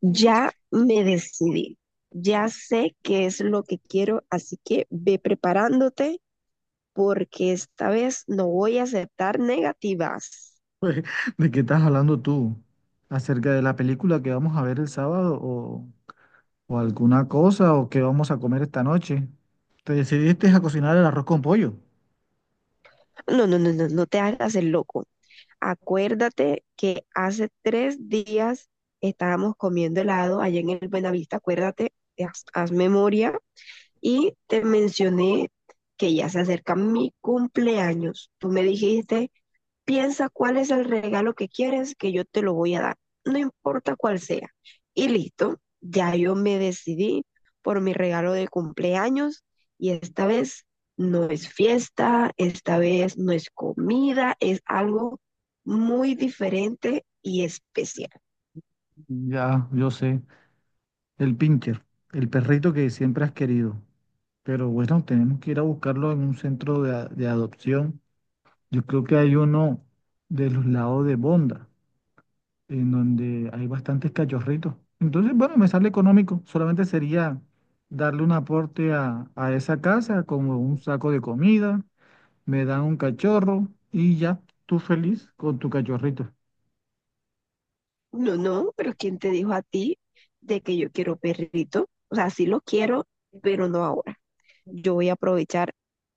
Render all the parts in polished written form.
Ya me decidí, ya sé qué es lo que quiero, así que ve preparándote porque esta vez no voy a aceptar negativas. ¿De qué estás hablando tú? ¿Acerca de la película que vamos a ver el sábado o alguna cosa o qué vamos a comer esta noche? ¿Te decidiste a cocinar el arroz con pollo? No, no, no, no, no te hagas el loco. Acuérdate que hace 3 días estábamos comiendo helado allá en el Buenavista, acuérdate, haz memoria y te mencioné que ya se acerca mi cumpleaños. Tú me dijiste, piensa cuál es el regalo que quieres que yo te lo voy a dar, no importa cuál sea. Y listo, ya yo me decidí por mi regalo de cumpleaños y esta vez no es fiesta, esta vez no es comida, es algo muy diferente y especial. Ya, yo sé, el pincher, el perrito que siempre has querido. Pero bueno, tenemos que ir a buscarlo en un centro de adopción. Yo creo que hay uno de los lados de Bonda, en donde hay bastantes cachorritos. Entonces, bueno, me sale económico. Solamente sería darle un aporte a esa casa, como un saco de comida, me dan un cachorro y ya tú feliz con tu cachorrito. No, no, pero ¿quién te dijo a ti de que yo quiero perrito? O sea, sí lo quiero, pero no ahora. Yo voy a aprovechar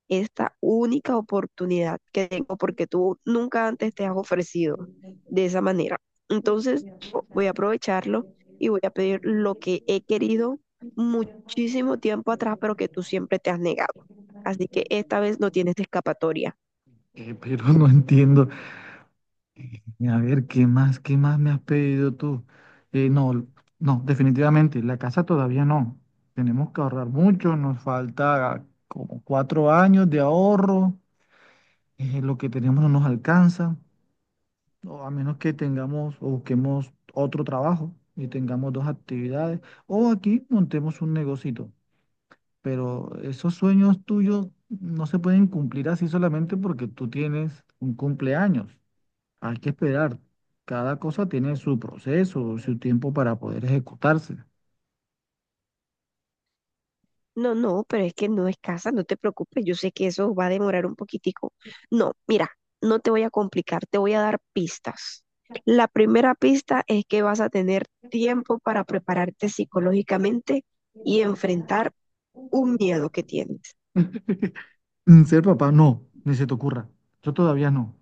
esta única oportunidad que tengo porque tú nunca antes te has ofrecido de esa manera. Entonces, yo voy a aprovecharlo y voy a pedir lo que he querido muchísimo tiempo atrás, pero que tú siempre te has negado. Así que esta vez no tienes escapatoria. Pero no entiendo. A ver, qué más me has pedido tú? No, no, definitivamente, la casa todavía no. Tenemos que ahorrar mucho, nos falta como 4 años de ahorro, lo que tenemos no nos alcanza, o a menos que tengamos o busquemos otro trabajo y tengamos dos actividades, o aquí montemos un negocito. Pero esos sueños tuyos no se pueden cumplir así solamente porque tú tienes un cumpleaños. Hay que esperar. Cada cosa tiene su proceso, su tiempo para poder ejecutarse. No, no, pero es que no es casa, no te preocupes, yo sé que eso va a demorar un poquitico. No, mira, no te voy a complicar, te voy a dar pistas. La primera pista es que vas a tener tiempo para prepararte psicológicamente y enfrentar un miedo que tienes. Ser papá, no, ni se te ocurra. Yo todavía no.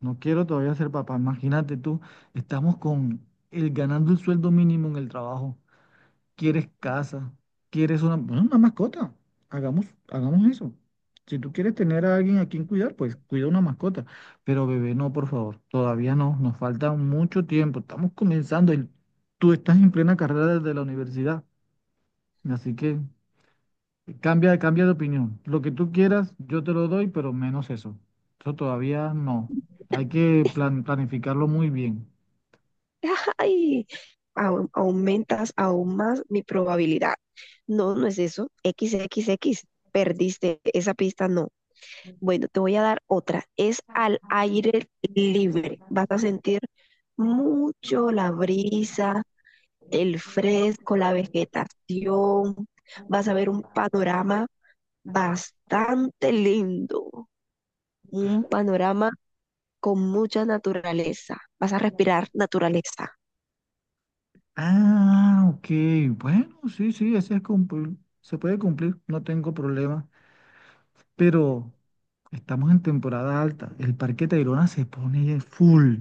No quiero todavía ser papá. Imagínate tú, estamos con el ganando el sueldo mínimo en el trabajo. Quieres casa, quieres una, bueno, una mascota. Hagamos, hagamos eso. Si tú quieres tener a alguien a quien cuidar, pues cuida una mascota. Pero bebé, no, por favor. Todavía no, nos falta mucho tiempo. Estamos comenzando, y tú estás en plena carrera desde la universidad. Así que cambia, cambia de opinión. Lo que tú quieras, yo te lo doy, pero menos eso. Eso todavía no. Hay que planificarlo muy bien. ¡Ay! Aumentas aún más mi probabilidad. No, no es eso. XXX, perdiste esa pista, no. Bueno, te voy a dar otra. Es al aire libre. Vas a sentir mucho la brisa, el fresco, la vegetación. Vas a ver un panorama bastante lindo. Un panorama con mucha naturaleza. Vas a respirar naturaleza. Ah, ok. Bueno, sí, sí, ese es cumplir. Se puede cumplir, no tengo problema. Pero estamos en temporada alta. El Parque Tayrona se pone full.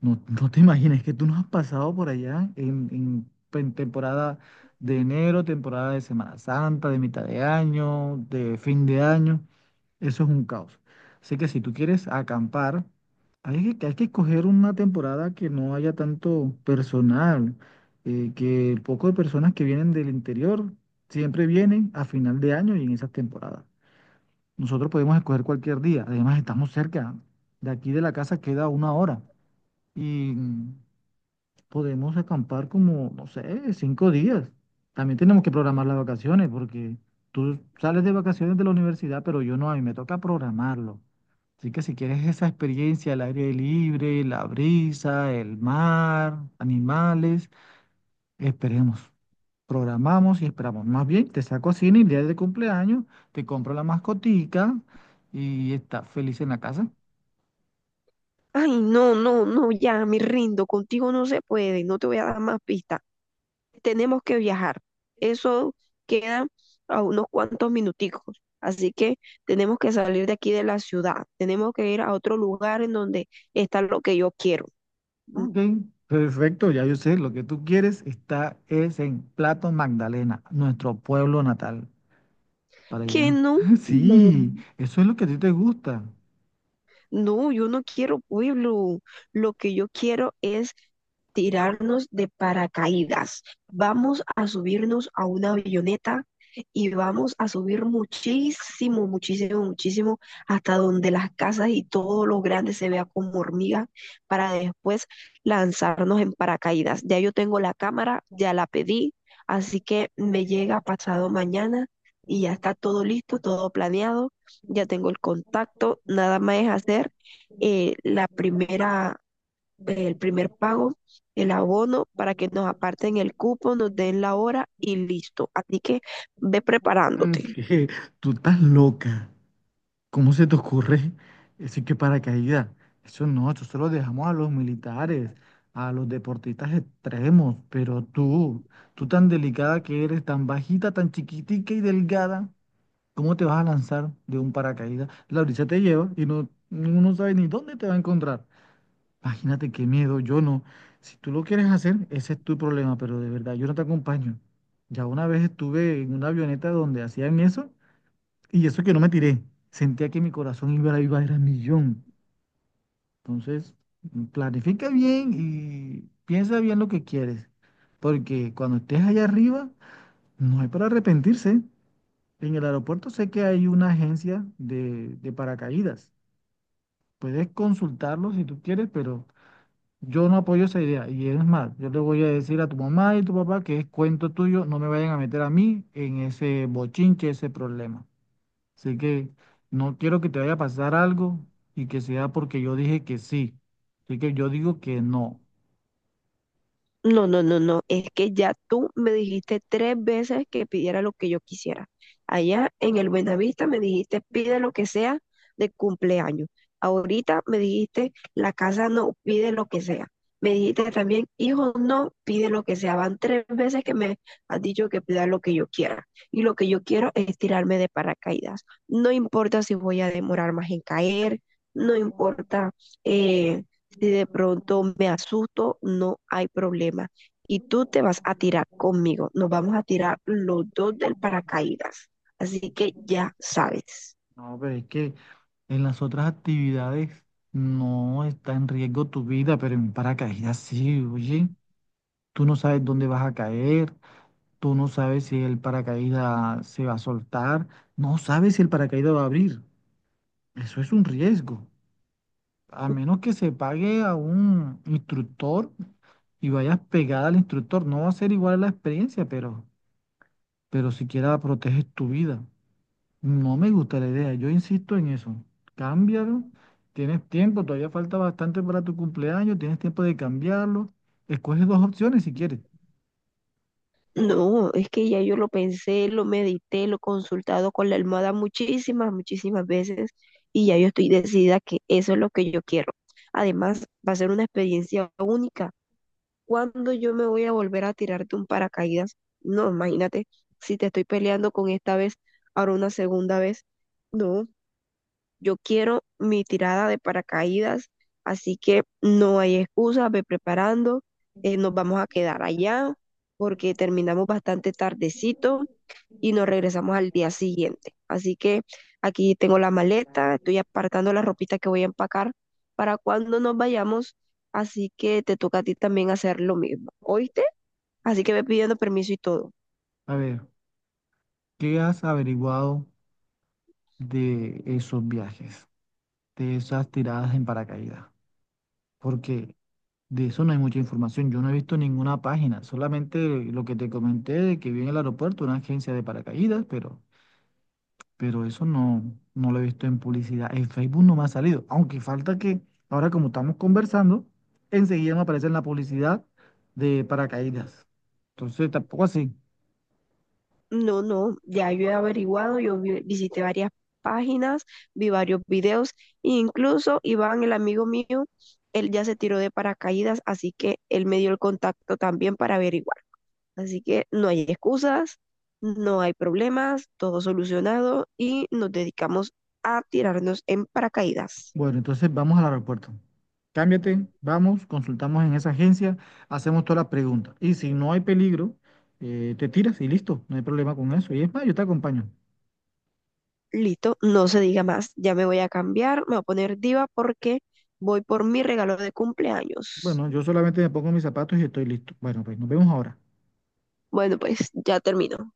No, no te imagines que tú no has pasado por allá en temporada de enero, temporada de Semana Santa, de mitad de año, de fin de año. Eso es un caos. Así que si tú quieres acampar, hay que escoger una temporada que no haya tanto personal, que el poco de personas que vienen del interior siempre vienen a final de año y en esas temporadas. Nosotros podemos escoger cualquier día, además estamos cerca, de aquí de la casa queda 1 hora y podemos acampar como, no sé, 5 días. También tenemos que programar las vacaciones porque tú sales de vacaciones de la universidad, pero yo no, a mí me toca programarlo. Así que si quieres esa experiencia, el aire libre, la brisa, el mar, animales, esperemos. Programamos y esperamos. Más bien, te saco a cine el día de cumpleaños, te compro la mascotica y estás feliz en la casa. Ay, no, no, no, ya me rindo. Contigo no se puede. No te voy a dar más pistas. Tenemos que viajar. Eso queda a unos cuantos minuticos. Así que tenemos que salir de aquí de la ciudad. Tenemos que ir a otro lugar en donde está lo que yo quiero. Mm, Ok, perfecto, ya yo sé, lo que tú quieres está es en Plato Magdalena, nuestro pueblo natal, para ¿Que allá. no? No. Sí, eso es lo que a ti te gusta. No, yo no quiero pueblo. Lo que yo quiero es tirarnos de paracaídas. Vamos a subirnos a una avioneta y vamos a subir muchísimo, muchísimo, muchísimo hasta donde las casas y todo lo grande se vea como hormigas para después lanzarnos en paracaídas. Ya yo tengo la cámara, ya la pedí, así que me llega pasado mañana y ya está todo listo, todo planeado. Ya tengo el contacto, nada más es hacer la primera, el primer pago, el abono para que nos aparten el cupo, nos den la hora y listo. Así que ve Mm, preparándote. que Tú estás loca. ¿Cómo se te ocurre? Eso es que paracaídas. Eso no, eso se lo dejamos a los militares, a los deportistas extremos. Pero tú tan delicada que eres, tan bajita, tan chiquitica y delgada. ¿Cómo te vas a lanzar de un paracaídas? La brisa te lleva y no, uno no sabe ni dónde te va a encontrar. Imagínate qué miedo, yo no. Si tú lo quieres hacer, ese es tu problema, pero de verdad, yo no te acompaño. Ya una vez estuve en una avioneta donde hacían eso y eso que no me tiré. Sentía que mi corazón iba a vibrar a millón. Entonces, planifica bien y piensa bien lo que quieres, porque cuando estés allá arriba, no hay para arrepentirse. En el aeropuerto sé que hay una agencia de paracaídas. Puedes consultarlo si tú quieres, pero yo no apoyo esa idea. Y es más, yo le voy a decir a tu mamá y tu papá que es cuento tuyo, no me vayan a meter a mí en ese bochinche, ese problema. Así que no quiero que te vaya a pasar algo y que sea porque yo dije que sí. Así que yo digo que no. No, no, no, no. Es que ya tú me dijiste 3 veces que pidiera lo que yo quisiera. Allá en el Buenavista me dijiste, pide lo que sea de cumpleaños. Ahorita me dijiste, la casa no, pide lo que sea. Me dijiste también, hijo no, pide lo que sea. Van 3 veces que me has dicho que pida lo que yo quiera. Y lo que yo quiero es tirarme de paracaídas. No importa si voy a demorar más en caer. No importa. eh, si de pronto me asusto, no hay problema. Y tú te vas a tirar conmigo. Nos vamos a tirar los dos del paracaídas. Así que ya sabes. No, pero es que en las otras actividades no está en riesgo tu vida, pero en paracaídas sí, oye. Tú no sabes dónde vas a caer, tú no sabes si el paracaídas se va a soltar, no sabes si el paracaídas va a abrir. Eso es un riesgo. A menos que se pague a un instructor y vayas pegada al instructor, no va a ser igual la experiencia, pero siquiera proteges tu vida. No me gusta la idea, yo insisto en eso. Cámbialo, tienes tiempo, todavía falta bastante para tu cumpleaños, tienes tiempo de cambiarlo. Escoge dos opciones si quieres. No, es que ya yo lo pensé, lo medité, lo he consultado con la almohada muchísimas, muchísimas veces y ya yo estoy decidida que eso es lo que yo quiero. Además, va a ser una experiencia única. ¿Cuándo yo me voy a volver a tirar de un paracaídas? No, imagínate, si te estoy peleando con esta vez, ahora una segunda vez. No, yo quiero mi tirada de paracaídas, así que no hay excusa, ve preparando, nos vamos a quedar allá porque terminamos bastante tardecito y nos regresamos al día siguiente. Así que aquí tengo la maleta, estoy apartando la ropita que voy a empacar para cuando nos vayamos, así que te toca a ti también hacer lo mismo, ¿oíste? Así que ve pidiendo permiso y todo. A ver, ¿qué has averiguado de esos viajes, de esas tiradas en paracaídas? Porque de eso no hay mucha información. Yo no he visto ninguna página, solamente lo que te comenté de que vi en el aeropuerto una agencia de paracaídas, pero eso no, no lo he visto en publicidad. En Facebook no me ha salido, aunque falta que ahora como estamos conversando, enseguida me aparece en la publicidad de paracaídas. Entonces tampoco así. No, no, ya yo he averiguado, yo visité varias páginas, vi varios videos, incluso Iván, el amigo mío, él ya se tiró de paracaídas, así que él me dio el contacto también para averiguar. Así que no hay excusas, no hay problemas, todo solucionado y nos dedicamos a tirarnos en paracaídas. Bueno, entonces vamos al aeropuerto. Cámbiate, vamos, consultamos en esa agencia, hacemos todas las preguntas. Y si no hay peligro, te tiras y listo, no hay problema con eso. Y es más, yo te acompaño. Listo, no se diga más. Ya me voy a cambiar, me voy a poner diva porque voy por mi regalo de cumpleaños. Bueno, yo solamente me pongo mis zapatos y estoy listo. Bueno, pues nos vemos ahora. Bueno, pues ya termino.